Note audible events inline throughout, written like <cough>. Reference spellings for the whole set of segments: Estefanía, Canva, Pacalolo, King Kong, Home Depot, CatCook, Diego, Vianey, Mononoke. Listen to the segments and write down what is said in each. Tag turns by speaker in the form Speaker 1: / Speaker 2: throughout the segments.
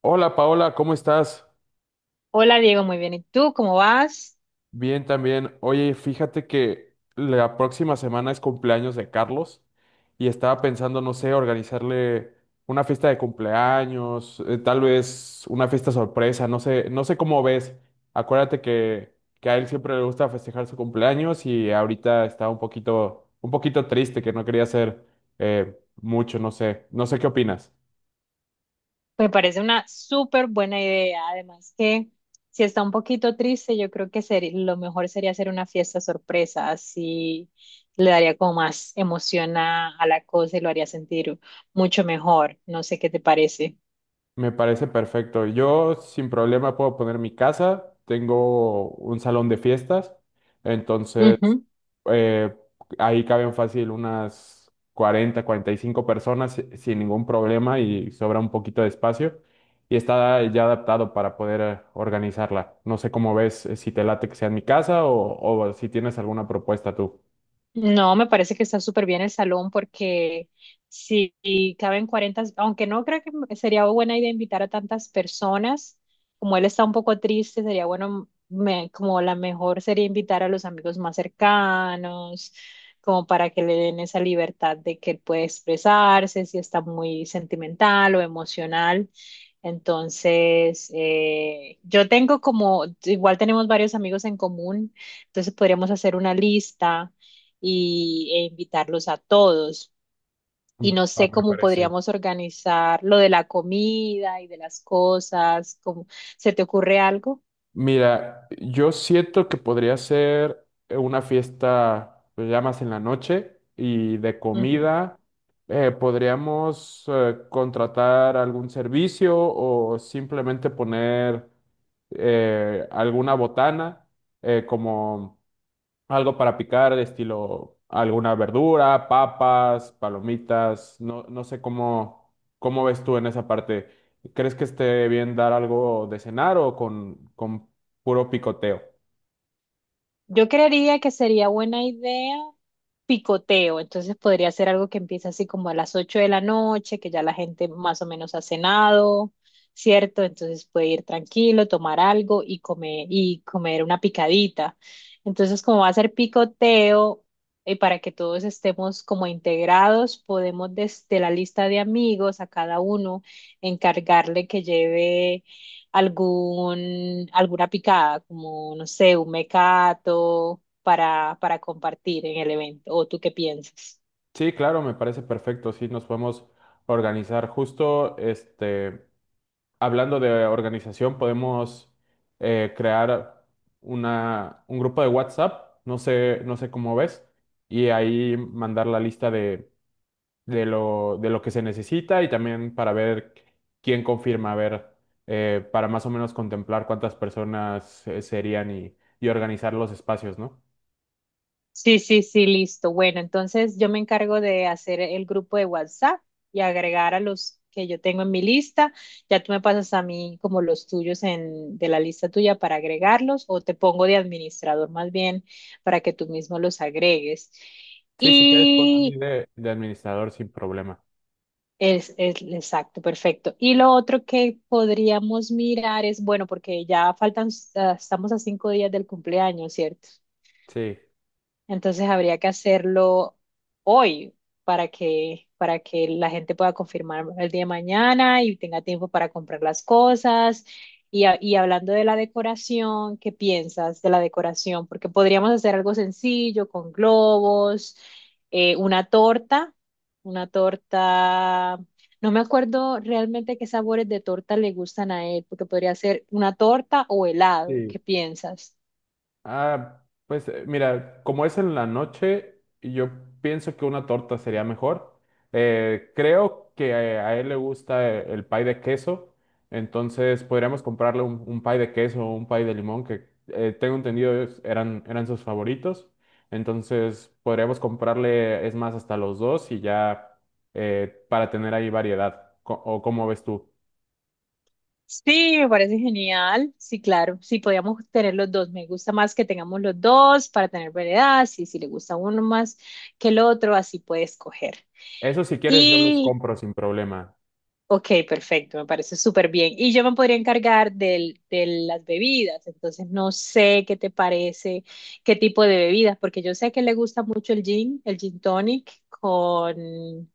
Speaker 1: Hola Paola, ¿cómo estás?
Speaker 2: Hola Diego, muy bien. ¿Y tú cómo vas?
Speaker 1: Bien también. Oye, fíjate que la próxima semana es cumpleaños de Carlos y estaba pensando, no sé, organizarle una fiesta de cumpleaños, tal vez una fiesta sorpresa, no sé, no sé cómo ves. Acuérdate que a él siempre le gusta festejar su cumpleaños y ahorita está un poquito triste que no quería hacer mucho, no sé, no sé qué opinas.
Speaker 2: Me parece una súper buena idea. Además que si está un poquito triste, yo creo que lo mejor sería hacer una fiesta sorpresa. Así le daría como más emoción a la cosa y lo haría sentir mucho mejor. No sé qué te parece.
Speaker 1: Me parece perfecto. Yo sin problema puedo poner mi casa. Tengo un salón de fiestas. Entonces, eh, ahí caben fácil unas 40 45 personas sin ningún problema y sobra un poquito de espacio. Y está ya adaptado para poder organizarla. No sé cómo ves, si te late que sea en mi casa o si tienes alguna propuesta tú.
Speaker 2: No, me parece que está súper bien el salón porque si caben 40, aunque no creo que sería buena idea invitar a tantas personas, como él está un poco triste, sería bueno, como la mejor sería invitar a los amigos más cercanos, como para que le den esa libertad de que él puede expresarse, si está muy sentimental o emocional. Entonces, yo tengo como, igual tenemos varios amigos en común, entonces podríamos hacer una lista e invitarlos a todos. Y
Speaker 1: Mm,
Speaker 2: no
Speaker 1: ah,
Speaker 2: sé
Speaker 1: me
Speaker 2: cómo
Speaker 1: parece.
Speaker 2: podríamos organizar lo de la comida y de las cosas, ¿cómo? ¿Se te ocurre algo?
Speaker 1: Mira, yo siento que podría ser una fiesta pues, ya más en la noche y de
Speaker 2: Ujú.
Speaker 1: comida. Podríamos contratar algún servicio o simplemente poner alguna botana como algo para picar, estilo alguna verdura, papas, palomitas, no, no sé cómo, ves tú en esa parte. ¿Crees que esté bien dar algo de cenar o con puro picoteo?
Speaker 2: Yo creería que sería buena idea picoteo, entonces podría ser algo que empiece así como a las 8 de la noche, que ya la gente más o menos ha cenado, ¿cierto? Entonces puede ir tranquilo, tomar algo y comer una picadita. Entonces, como va a ser picoteo, y para que todos estemos como integrados, podemos desde la lista de amigos a cada uno encargarle que lleve algún, alguna picada, como, no sé, un mecato para compartir en el evento. ¿O tú qué piensas?
Speaker 1: Sí, claro, me parece perfecto. Sí, nos podemos organizar. Justo, hablando de organización, podemos crear una, un grupo de WhatsApp, no sé, no sé cómo ves, y ahí mandar la lista de lo, de lo que se necesita y también para ver quién confirma, a ver, para más o menos contemplar cuántas personas serían y organizar los espacios, ¿no?
Speaker 2: Sí, sí, sí, listo. Bueno, entonces yo me encargo de hacer el grupo de WhatsApp y agregar a los que yo tengo en mi lista. Ya tú me pasas a mí como los tuyos en, de la lista tuya para agregarlos o te pongo de administrador más bien para que tú mismo los agregues.
Speaker 1: Sí, si quieres, ponme a mí de, administrador sin problema.
Speaker 2: Es exacto, perfecto. Y lo otro que podríamos mirar es, bueno, porque ya faltan, estamos a 5 días del cumpleaños, ¿cierto?
Speaker 1: Sí.
Speaker 2: Entonces habría que hacerlo hoy para que, la gente pueda confirmar el día de mañana y tenga tiempo para comprar las cosas. Y, y hablando de la decoración, ¿qué piensas de la decoración? Porque podríamos hacer algo sencillo con globos, una torta, una torta. No me acuerdo realmente qué sabores de torta le gustan a él, porque podría ser una torta o helado.
Speaker 1: Sí.
Speaker 2: ¿Qué piensas?
Speaker 1: Ah, pues mira, como es en la noche, yo pienso que una torta sería mejor. Creo que a, él le gusta el pie de queso, entonces podríamos comprarle un pie de queso o un pie de limón, que tengo entendido eran sus favoritos. Entonces podríamos comprarle, es más, hasta los dos y ya para tener ahí variedad. ¿O cómo ves tú?
Speaker 2: Sí, me parece genial. Sí, claro. Sí, podíamos tener los dos. Me gusta más que tengamos los dos para tener variedad. Sí, si le gusta uno más que el otro, así puede escoger.
Speaker 1: Eso si quieres yo los
Speaker 2: Y,
Speaker 1: compro sin problema,
Speaker 2: ok, perfecto. Me parece súper bien. Y yo me podría encargar del, de las bebidas. Entonces, no sé qué te parece, qué tipo de bebidas, porque yo sé que le gusta mucho el gin tonic con,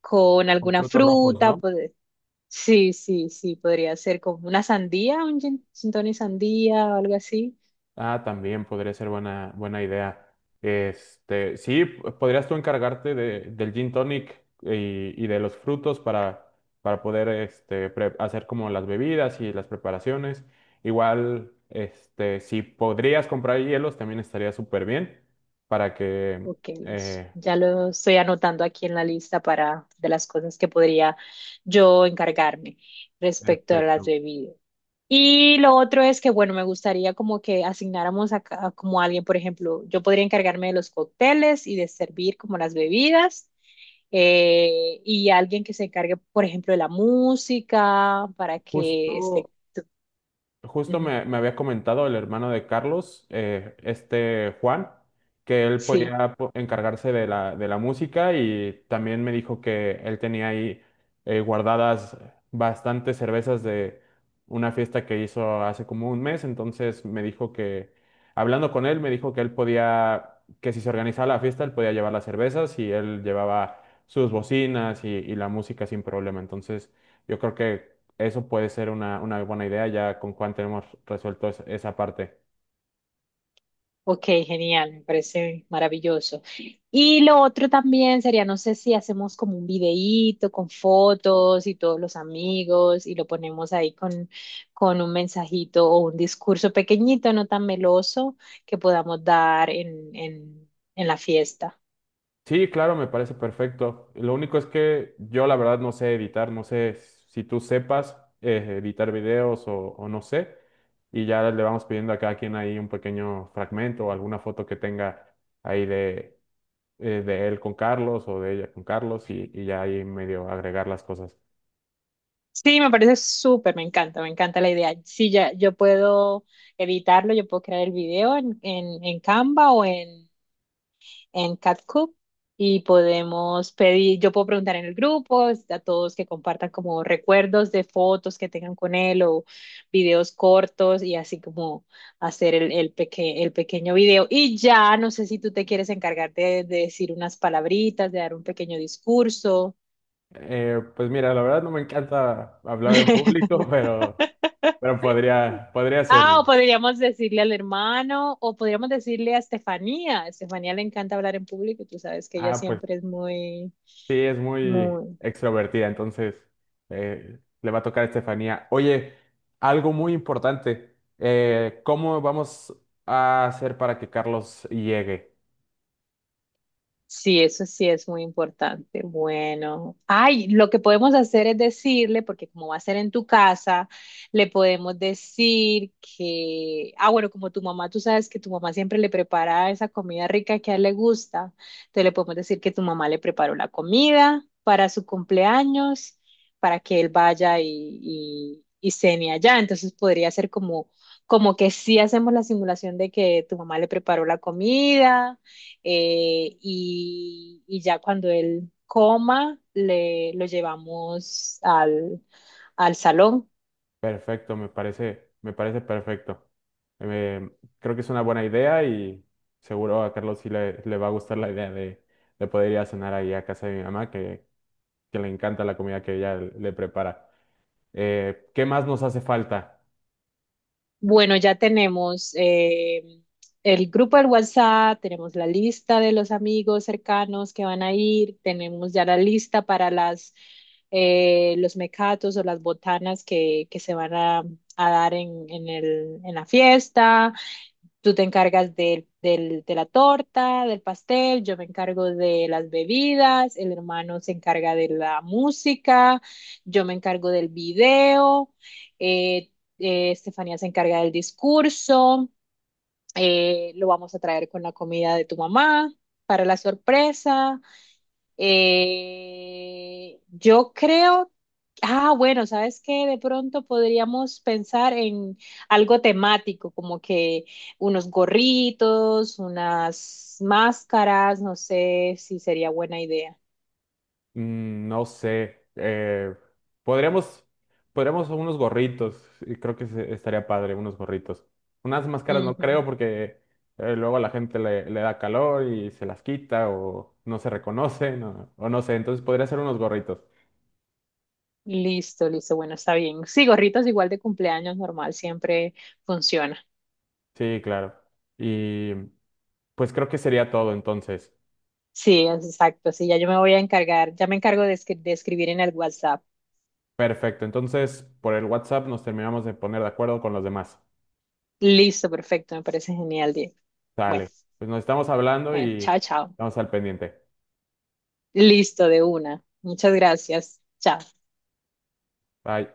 Speaker 2: con
Speaker 1: con
Speaker 2: alguna
Speaker 1: frutos rojos,
Speaker 2: fruta.
Speaker 1: ¿no?
Speaker 2: Pues, sí, sí, sí, podría ser como una sandía, un gin tonic sandía o algo así.
Speaker 1: Ah, también podría ser buena, buena idea. Sí, podrías tú encargarte de, del gin tonic y, de los frutos para poder hacer como las bebidas y las preparaciones. Igual, si podrías comprar hielos, también estaría súper bien para que.
Speaker 2: Ok, listo.
Speaker 1: eh,
Speaker 2: Ya lo estoy anotando aquí en la lista para de las cosas que podría yo encargarme respecto a las
Speaker 1: Perfecto.
Speaker 2: bebidas. Y lo otro es que, bueno, me gustaría como que asignáramos a, a como alguien, por ejemplo, yo podría encargarme de los cócteles y de servir como las bebidas, y alguien que se encargue, por ejemplo, de la música para que
Speaker 1: Justo
Speaker 2: esté.
Speaker 1: Justo
Speaker 2: Ujú,
Speaker 1: me, había comentado el hermano de Carlos, este Juan, que él
Speaker 2: sí.
Speaker 1: podía encargarse de la música y también me dijo que él tenía ahí guardadas bastantes cervezas de una fiesta que hizo hace como un mes. Entonces me dijo que, hablando con él, me dijo que él podía, que si se organizaba la fiesta, él podía llevar las cervezas y él llevaba sus bocinas y, la música sin problema. Entonces yo creo que eso puede ser una buena idea, ya con Juan tenemos resuelto esa parte.
Speaker 2: Ok, genial, me parece maravilloso. Y lo otro también sería, no sé si hacemos como un videíto con fotos y todos los amigos y lo ponemos ahí con un mensajito o un discurso pequeñito, no tan meloso, que podamos dar en, la fiesta.
Speaker 1: Sí, claro, me parece perfecto. Lo único es que yo la verdad no sé editar, no sé si tú sepas editar videos o, no sé. Y ya le vamos pidiendo a cada quien ahí un pequeño fragmento o alguna foto que tenga ahí de, él con Carlos o de ella con Carlos y ya ahí medio agregar las cosas.
Speaker 2: Sí, me parece súper, me encanta la idea. Sí, ya, yo puedo editarlo, yo puedo crear el video en Canva o en CatCook y podemos pedir, yo puedo preguntar en el grupo a todos que compartan como recuerdos de fotos que tengan con él o videos cortos y así como hacer el pequeño video. Y ya, no sé si tú te quieres encargar de decir unas palabritas, de dar un pequeño discurso.
Speaker 1: Pues mira, la verdad no me encanta hablar en público, <laughs> pero,
Speaker 2: <laughs>
Speaker 1: pero podría
Speaker 2: Ah, o
Speaker 1: hacerlo.
Speaker 2: podríamos decirle al hermano, o podríamos decirle a Estefanía. A Estefanía le encanta hablar en público, y tú sabes que ella
Speaker 1: Ah, pues.
Speaker 2: siempre es muy,
Speaker 1: Sí, es muy
Speaker 2: muy.
Speaker 1: extrovertida, entonces le va a tocar a Estefanía. Oye, algo muy importante, ¿cómo vamos a hacer para que Carlos llegue?
Speaker 2: Sí, eso sí es muy importante. Bueno, ay, lo que podemos hacer es decirle, porque como va a ser en tu casa, le podemos decir que, ah, bueno, como tu mamá, tú sabes que tu mamá siempre le prepara esa comida rica que a él le gusta, entonces le podemos decir que tu mamá le preparó la comida para su cumpleaños, para que él vaya y, y cene allá. Entonces podría ser como, como que sí hacemos la simulación de que tu mamá le preparó la comida, y ya cuando él coma, lo llevamos al salón.
Speaker 1: Perfecto, me parece perfecto. Eh, Creo que es una buena idea y seguro a Carlos sí le, va a gustar la idea de poder ir a cenar ahí a casa de mi mamá, que le encanta la comida que ella le prepara. ¿Qué más nos hace falta?
Speaker 2: Bueno, ya tenemos el grupo del WhatsApp, tenemos la lista de los amigos cercanos que van a ir, tenemos ya la lista para los mecatos o las botanas que se van a dar en la fiesta. Tú te encargas de la torta, del pastel, yo me encargo de las bebidas, el hermano se encarga de la música, yo me encargo del video, eh, Estefanía se encarga del discurso, lo vamos a traer con la comida de tu mamá para la sorpresa. Yo creo, bueno, ¿sabes qué? De pronto podríamos pensar en algo temático, como que unos gorritos, unas máscaras, no sé si sería buena idea.
Speaker 1: Mm, no sé. Podríamos, podríamos unos gorritos. Y creo que estaría padre, unos gorritos. Unas máscaras no
Speaker 2: Ujú.
Speaker 1: creo porque luego a la gente le, da calor y se las quita o no se reconocen o no sé. Entonces podría ser unos gorritos.
Speaker 2: Listo, listo, bueno, está bien. Sí, gorritos igual de cumpleaños normal, siempre funciona.
Speaker 1: Sí, claro. Y pues creo que sería todo entonces.
Speaker 2: Sí, es exacto, sí, ya yo me voy a encargar, ya me encargo de escribir en el WhatsApp.
Speaker 1: Perfecto. Entonces por el WhatsApp nos terminamos de poner de acuerdo con los demás.
Speaker 2: Listo, perfecto, me parece genial, Diego. Bueno,
Speaker 1: Sale. Pues nos estamos hablando
Speaker 2: bueno,
Speaker 1: y
Speaker 2: chao, chao.
Speaker 1: estamos al pendiente.
Speaker 2: Listo, de una. Muchas gracias. Chao.
Speaker 1: Bye.